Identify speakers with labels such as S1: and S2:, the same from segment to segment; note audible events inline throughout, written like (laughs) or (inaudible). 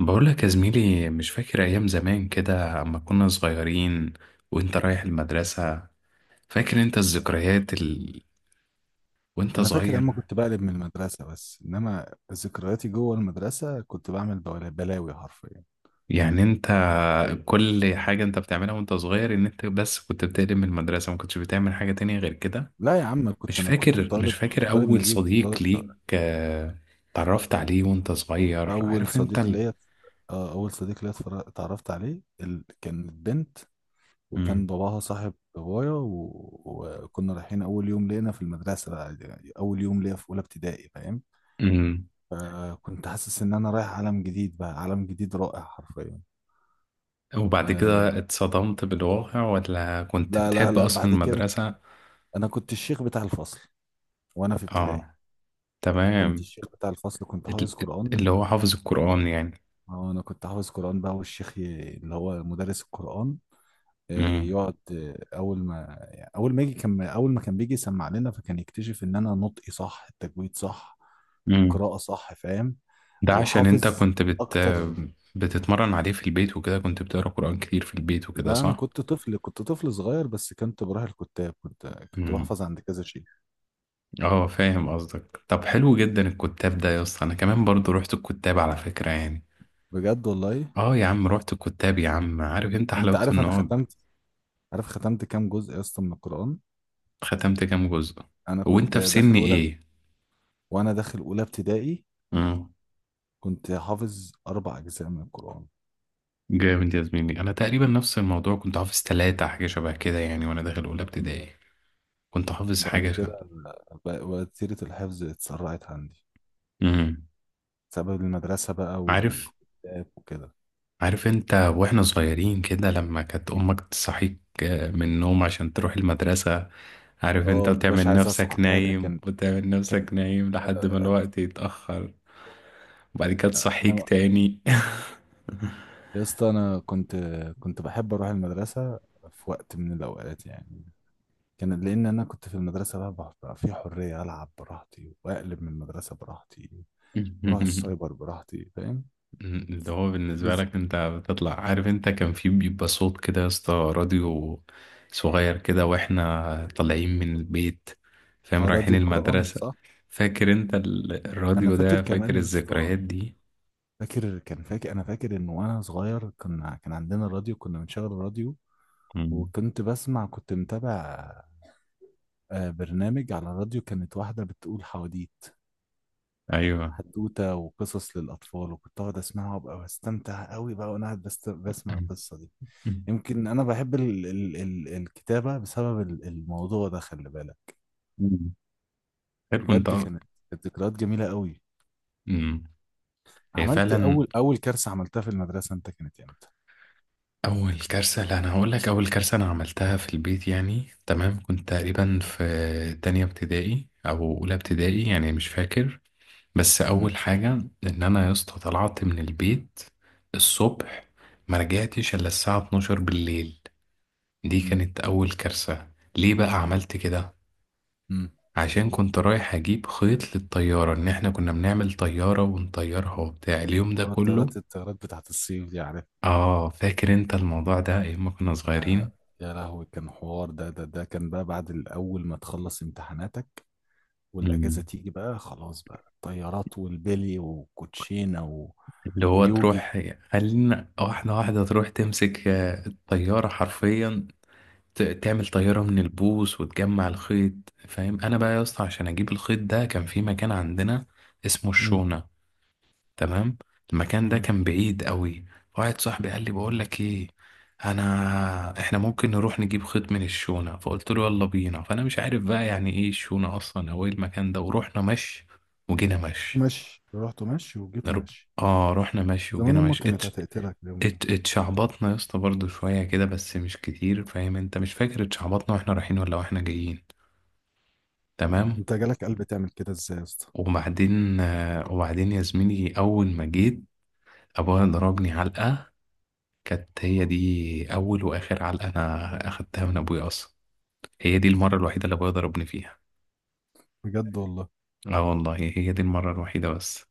S1: بقولك يا زميلي، مش فاكر أيام زمان كده أما كنا صغيرين وأنت رايح المدرسة؟ فاكر أنت الذكريات وأنت
S2: انا فاكر
S1: صغير؟
S2: اما كنت بقلب من المدرسه، بس انما ذكرياتي جوه المدرسه كنت بعمل بلاوي حرفيا.
S1: يعني أنت كل حاجة أنت بتعملها وأنت صغير، إن أنت بس كنت بتقلب من المدرسة، ما كنتش بتعمل حاجة تانية غير كده؟
S2: لا يا عم، كنت
S1: مش
S2: انا كنت
S1: فاكر مش
S2: طالب، كنت
S1: فاكر
S2: طالب
S1: أول
S2: نجيب، كنت
S1: صديق
S2: طالب
S1: ليك،
S2: شاطر.
S1: اتعرفت عليه وأنت صغير؟
S2: اول
S1: عارف أنت
S2: صديق ليا، اتعرفت عليه كانت بنت.
S1: مم.
S2: وكان باباها صاحب بابايا. وكنا رايحين اول يوم لينا في المدرسه، بقى يعني اول يوم ليا في اولى ابتدائي، فاهم؟
S1: مم.
S2: فكنت حاسس ان انا رايح عالم جديد، بقى عالم جديد رائع حرفيا.
S1: وبعد
S2: أه...
S1: كده اتصدمت بالواقع ولا كنت
S2: لا لا
S1: بتحب
S2: لا،
S1: أصلا
S2: بعد كده
S1: المدرسة؟
S2: انا كنت الشيخ بتاع الفصل وانا في ابتدائي.
S1: آه.
S2: كنت
S1: تمام.
S2: الشيخ بتاع الفصل، كنت حافظ قرآن.
S1: اللي هو حافظ القرآن يعني.
S2: آه، انا كنت حافظ قرآن بقى، والشيخ اللي هو مدرس القرآن،
S1: امم.
S2: يقعد اول ما يعني اول ما يجي، كان اول ما كان بيجي يسمع لنا، فكان يكتشف ان انا نطقي صح، التجويد صح،
S1: امم.
S2: القراءة صح، فاهم؟
S1: ده عشان انت
S2: وحافظ
S1: كنت بت
S2: اكتر.
S1: بتتمرن عليه في البيت وكده، كنت بتقرا قرآن كتير في البيت وكده،
S2: لا، انا
S1: صح؟
S2: كنت طفل، كنت طفل صغير، بس كنت بروح الكتاب، كنت
S1: امم.
S2: بحفظ عند كذا شيخ.
S1: اه، فاهم قصدك. طب حلو جدا الكتاب ده يا اسطى، انا كمان برضو رحت الكتاب على فكرة يعني.
S2: بجد والله.
S1: اه يا عم، رحت الكتاب يا عم، عارف انت
S2: انت
S1: حلاوته
S2: عارف
S1: ان
S2: انا
S1: هو
S2: ختمت، عارف ختمت كام جزء يا اسطى من القرآن؟
S1: ختمت كام جزء.
S2: انا كنت
S1: وانت في سن
S2: داخل اولى،
S1: ايه؟
S2: وانا داخل اولى ابتدائي
S1: امم.
S2: كنت حافظ اربع اجزاء من القران.
S1: جامد يا زميلي، انا تقريبا نفس الموضوع، كنت حافظ 3 حاجة شبه كده يعني وانا داخل اولى ابتدائي. كنت حافظ
S2: بعد
S1: حاجة شبه.
S2: كده وتيرة الحفظ اتسرعت عندي
S1: مم.
S2: بسبب المدرسة بقى
S1: عارف
S2: والكتاب وكده.
S1: عارف انت، واحنا صغيرين كده لما كانت امك تصحيك من النوم عشان تروح المدرسة. عارف انت،
S2: اه، مبقاش
S1: وتعمل
S2: عايز
S1: نفسك
S2: اصحى، ايه ده
S1: نايم
S2: كان
S1: وتعمل نفسك
S2: كان
S1: نايم لحد ما
S2: آه،
S1: الوقت يتأخر وبعد كده تصحيك
S2: انا
S1: تاني.
S2: يا اسطى، انا كنت بحب اروح المدرسة في وقت من الاوقات يعني. كان لان انا كنت في المدرسة بقى بقى في حرية، العب براحتي واقلب من المدرسة براحتي، اروح
S1: (laughs)
S2: السايبر براحتي، فاهم؟
S1: اللي هو بالنسبة
S2: بز...
S1: لك انت بتطلع، عارف انت، كان في بيبقى صوت كده يا اسطى، راديو صغير كده واحنا طالعين من البيت، فاهم،
S2: آه،
S1: رايحين
S2: راديو القرآن
S1: المدرسة.
S2: صح.
S1: فاكر انت
S2: انا
S1: الراديو
S2: فاكر
S1: ده، فاكر
S2: كمان يا اسطى،
S1: الذكريات دي؟
S2: فاكر، كان فاكر، انا فاكر ان وانا صغير كنا كان عندنا راديو، كنا بنشغل الراديو، وكنت بسمع، كنت متابع برنامج على الراديو، كانت واحده بتقول حواديت،
S1: ايوه.
S2: حدوته وقصص للاطفال، وكنت اقعد اسمعها وابقى بستمتع قوي بقى وانا قاعد بسمع
S1: مم.
S2: القصه دي.
S1: مم.
S2: يمكن انا بحب ال ال ال الكتابه بسبب الموضوع ده، خلي بالك.
S1: مم. حلو انت.
S2: بجد
S1: أه.
S2: كانت ذكريات جميله قوي.
S1: مم. هي
S2: عملت
S1: فعلا.
S2: اول كارثه عملتها في المدرسه انت كانت امتى؟
S1: اول كارثه؟ لا، انا هقول لك. اول كارثه انا عملتها في البيت يعني، تمام. كنت تقريبا في تانية ابتدائي او اولى ابتدائي يعني، مش فاكر. بس
S2: مم.
S1: اول حاجه ان انا يا اسطى طلعت من البيت الصبح، ما رجعتش الا الساعه 12 بالليل. دي
S2: مم.
S1: كانت اول كارثه. ليه بقى عملت كده؟
S2: مم.
S1: عشان كنت رايح اجيب خيط للطيارة، ان احنا كنا بنعمل طيارة ونطيرها وبتاع اليوم ده
S2: هو
S1: كله.
S2: الطيارات بتاعت الصيف دي، عارف؟
S1: اه، فاكر انت الموضوع ده، ايام ما كنا صغيرين.
S2: آه، يا لهوي، كان حوار ده كان بقى بعد الأول ما تخلص امتحاناتك
S1: مم.
S2: والأجازة تيجي بقى، خلاص بقى الطيارات والبلي وكوتشينة
S1: اللي هو
S2: ويوجي.
S1: تروح، خلينا واحدة واحدة، تروح تمسك الطيارة حرفيا، تعمل طيارة من البوص وتجمع الخيط، فاهم. انا بقى يا اسطى عشان اجيب الخيط ده، كان في مكان عندنا اسمه
S2: امم.
S1: الشونة. تمام. المكان ده
S2: امم.
S1: كان بعيد قوي. واحد صاحبي قال لي، بقول لك ايه، انا احنا ممكن نروح نجيب خيط من الشونة. فقلت له يلا بينا، فانا مش عارف بقى يعني ايه الشونة اصلا او ايه المكان ده. ورحنا مشي وجينا
S2: رحت
S1: مشي.
S2: ماشي، رحت ماشي وجيت
S1: نرو...
S2: ماشي.
S1: اه، رحنا مشي
S2: زمان
S1: وجينا
S2: امك
S1: مشي.
S2: كانت هتقتلك اليوم ده.
S1: اتشعبطنا يا اسطى برضه شوية كده بس مش كتير، فاهم انت، مش فاكر اتشعبطنا واحنا رايحين ولا واحنا جايين. تمام.
S2: انت جالك قلب تعمل كده ازاي يا اسطى؟
S1: وبعدين يا زميلي، اول ما جيت ابويا
S2: مم.
S1: ضربني علقة. كانت هي دي أول وآخر علقة أنا أخدتها من أبويا أصلا. هي دي المرة الوحيدة اللي أبويا ضربني فيها.
S2: بجد والله.
S1: آه والله، هي دي المرة الوحيدة بس.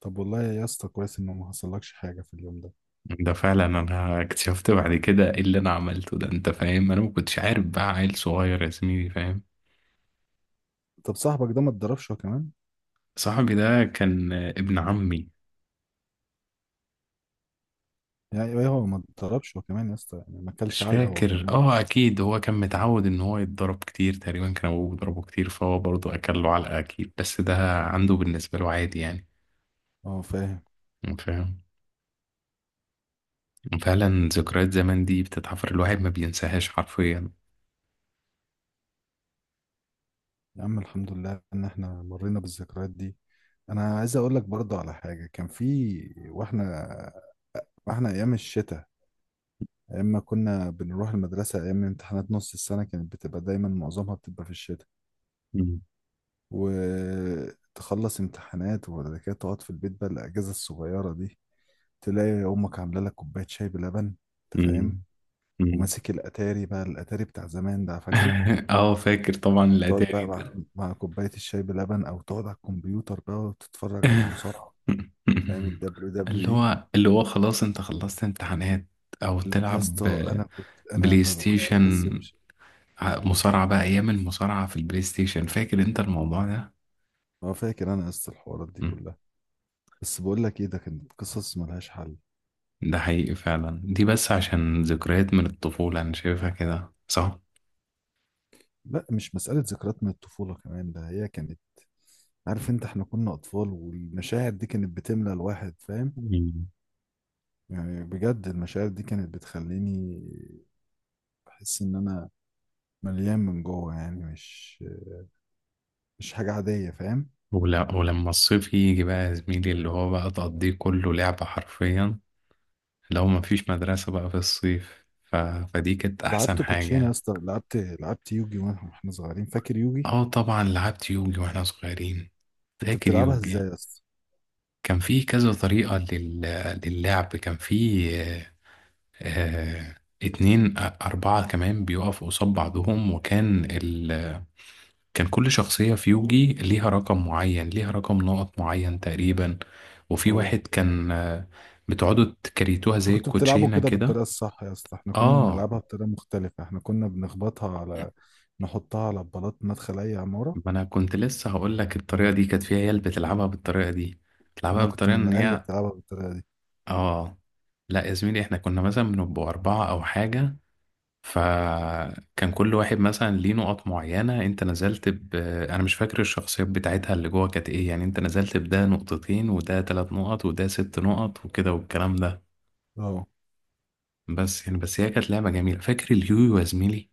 S2: طب والله يا اسطى كويس ان ما حصلكش حاجه في اليوم ده.
S1: ده فعلا، أنا اكتشفت بعد كده إيه اللي أنا عملته ده، أنت فاهم، أنا ما كنتش عارف بقى، عيل صغير يا زميلي، فاهم.
S2: طب صاحبك ده ما اتضربش هو كمان؟
S1: صاحبي ده كان ابن عمي.
S2: يعني ايه هو ما اتضربش هو كمان يا اسطى؟ يعني ما اكلش
S1: مش
S2: علقه هو
S1: فاكر.
S2: كمان؟
S1: اه، اكيد هو كان متعود ان هو يتضرب كتير، تقريبا كان ابوه بيضربه كتير، فهو برضه اكل له علقه اكيد. بس ده عنده بالنسبه له عادي يعني،
S2: اه، فاهم.
S1: فاهم. فعلا ذكريات زمان دي بتتحفر، الواحد ما بينساهاش حرفيا.
S2: يا عم، الحمد لله ان احنا مرينا بالذكريات دي. انا عايز اقول لك برضو على حاجه كان في، واحنا واحنا ايام الشتاء، ايام ما كنا بنروح المدرسه، ايام امتحانات نص السنه كانت بتبقى دايما معظمها بتبقى في الشتاء.
S1: مم.
S2: وتخلص امتحانات وبعد كده تقعد في البيت بقى الاجازه الصغيره دي، تلاقي امك عامله لك كوبايه شاي بلبن، انت فاهم؟
S1: مم. مم.
S2: وماسك الاتاري بقى، الاتاري بتاع زمان ده فاكره؟
S1: (laughs) اه، فاكر طبعا
S2: تقعد
S1: الاتاري
S2: بقى مع,
S1: ده.
S2: مع كوباية الشاي بلبن، أو تقعد على الكمبيوتر بقى وتتفرج على مصارعة،
S1: (laughs)
S2: فاهم؟ ال
S1: اللي
S2: WWE.
S1: هو اللي هو خلاص انت خلصت امتحانات، او
S2: يا
S1: تلعب
S2: اسطى، أنا كنت
S1: بلاي
S2: كنت بحس
S1: ستيشن،
S2: بش
S1: مصارعة بقى. ايام المصارعة في البلاي ستيشن، فاكر انت الموضوع ده؟
S2: ما فاكر أنا يا اسطى الحوارات دي
S1: مم.
S2: كلها. بس بقول لك إيه، ده كانت قصص ملهاش حل.
S1: ده حقيقي فعلا دي، بس عشان ذكريات من الطفولة انا شايفها كده، صح؟
S2: لا، مش مسألة ذكريات من الطفولة كمان، ده هي كانت، عارف أنت، إحنا كنا أطفال، والمشاعر دي كانت بتملى الواحد، فاهم؟ يعني بجد المشاعر دي كانت بتخليني بحس إن أنا مليان من جوه، يعني مش مش حاجة عادية، فاهم؟
S1: ولما الصيف يجي بقى يا زميلي، اللي هو بقى تقضيه كله لعبة حرفيا. لو مفيش مدرسة بقى في الصيف فدي كانت أحسن
S2: لعبت
S1: حاجة
S2: كوتشينه يا
S1: يعني.
S2: اسطى، لعبت يوجي، واحنا صغيرين، فاكر يوجي؟
S1: اه طبعا، لعبت يوجي واحنا صغيرين.
S2: كنت
S1: فاكر
S2: بتلعبها
S1: يوجي؟
S2: ازاي يا اسطى؟
S1: كان في كذا طريقة للعب. كان في آه، اتنين أربعة كمان بيقفوا قصاد بعضهم، وكان كان كل شخصية في يوجي ليها رقم معين، ليها رقم نقط معين تقريبا. وفي واحد
S2: اه.
S1: كان بتقعدوا تكريتوها
S2: انت
S1: زي
S2: كنت بتلعبه
S1: الكوتشينة
S2: كده
S1: كده.
S2: بالطريقه الصح يا اسطى؟ احنا كنا
S1: اه،
S2: بنلعبها بطريقه مختلفه، احنا كنا بنخبطها على، نحطها على بلاط مدخل اي عماره.
S1: ما انا كنت لسه هقول لك، الطريقة دي كانت فيها عيال بتلعبها بالطريقة دي، بتلعبها
S2: انا كنت
S1: بالطريقة
S2: من
S1: ان
S2: العيال اللي
S1: هي.
S2: بتلعبها بالطريقه دي.
S1: اه، لا يا زميلي، احنا كنا مثلا بنبقوا أربعة أو حاجة، فكان كل واحد مثلا ليه نقط معينة، انت نزلت انا مش فاكر الشخصيات بتاعتها اللي جوه كانت ايه يعني، انت نزلت بده نقطتين وده 3 نقط وده 6 نقط وكده والكلام ده.
S2: اه.
S1: بس يعني، بس هي كانت لعبة جميلة. فاكر اليويو يا زميلي؟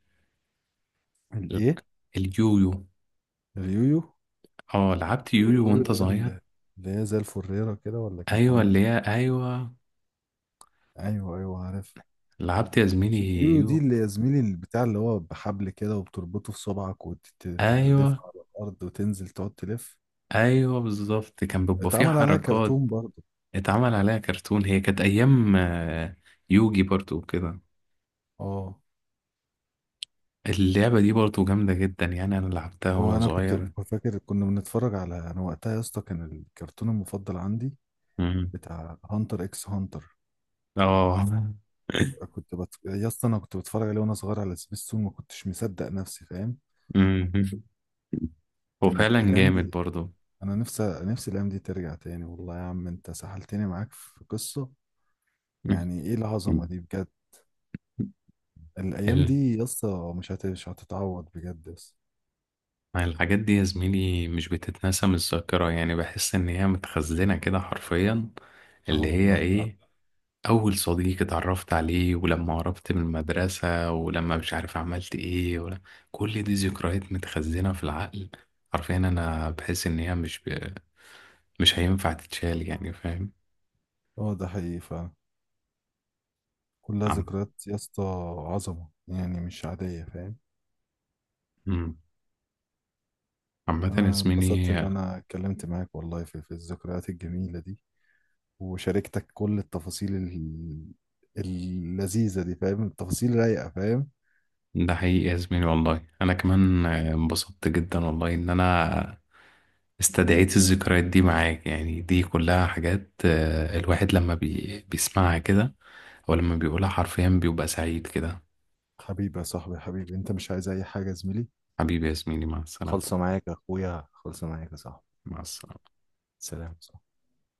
S1: ال-
S2: الايه؟
S1: اليويو.
S2: اليويو.
S1: اه، لعبت يويو
S2: اليويو
S1: وانت
S2: ده
S1: صغير.
S2: اللي هي زي الفريره كده، ولا كانت
S1: ايوه،
S2: عامله
S1: اللي
S2: ازاي؟
S1: هي، ايوه.
S2: ايوه، ايوه، عارف.
S1: لعبت يا زميلي
S2: الشديو دي
S1: يويو.
S2: اللي يا زميلي، اللي بتاع اللي هو بحبل كده وبتربطه في صبعك
S1: ايوه،
S2: وتحدفها على الأرض وتنزل تقعد تلف.
S1: ايوه، بالظبط. كان بيبقى فيه
S2: اتعمل عليها
S1: حركات،
S2: كرتون برضه.
S1: اتعمل عليها كرتون. هي كانت ايام يوجي برضو وكده.
S2: اه.
S1: اللعبة دي برضو جامدة جدا يعني، أنا لعبتها وأنا
S2: وانا كنت
S1: صغير.
S2: فاكر كنا بنتفرج على، انا وقتها يا اسطى كان الكرتون المفضل عندي
S1: مم.
S2: بتاع هانتر اكس هانتر.
S1: اه.
S2: يا اسطى انا كنت بتفرج عليه وانا صغير على سبيستون، ما كنتش مصدق نفسي، فاهم؟
S1: مم.
S2: كانت
S1: وفعلا
S2: الايام
S1: جامد
S2: دي،
S1: برضو.
S2: انا نفسي نفسي الايام دي ترجع تاني والله يا عم، انت سحلتني معاك في قصة.
S1: مم.
S2: يعني ايه العظمة دي بجد؟ الايام
S1: ال-
S2: دي يا اسطى مش هتتعوض بجد يا اسطى.
S1: الحاجات دي يا زميلي مش بتتنسى من الذاكرة يعني، بحس إن هي متخزنة كده حرفيا.
S2: اه
S1: اللي هي
S2: والله فعلا.
S1: إيه، أول صديق اتعرفت عليه، ولما قربت من المدرسة، ولما مش عارف عملت إيه، ولا كل دي ذكريات متخزنة في العقل حرفيا. أنا بحس إن هي مش هينفع تتشال يعني، فاهم.
S2: اه، ده حقيقي فعلا. كلها ذكريات يا اسطى، عظمه يعني مش عاديه، فاهم؟
S1: مم. عامة يا
S2: انا
S1: زميلي،
S2: اتبسطت ان انا اتكلمت معاك والله في الذكريات الجميله دي، وشاركتك كل التفاصيل اللذيذه دي، فاهم؟ التفاصيل رايقه، فاهم؟
S1: ده حقيقي يا زميلي والله. أنا كمان انبسطت جدا والله إن أنا استدعيت الذكريات دي معاك. يعني دي كلها حاجات الواحد لما بيسمعها كده أو لما بيقولها حرفيا بيبقى سعيد كده.
S2: حبيبي يا صاحبي، حبيبي انت، مش عايز اي حاجه يا زميلي؟
S1: حبيبي يا زميلي، مع السلامة.
S2: خلصه معاك يا اخويا، خلصه معاك يا صاحبي.
S1: مع السلامة.
S2: سلام.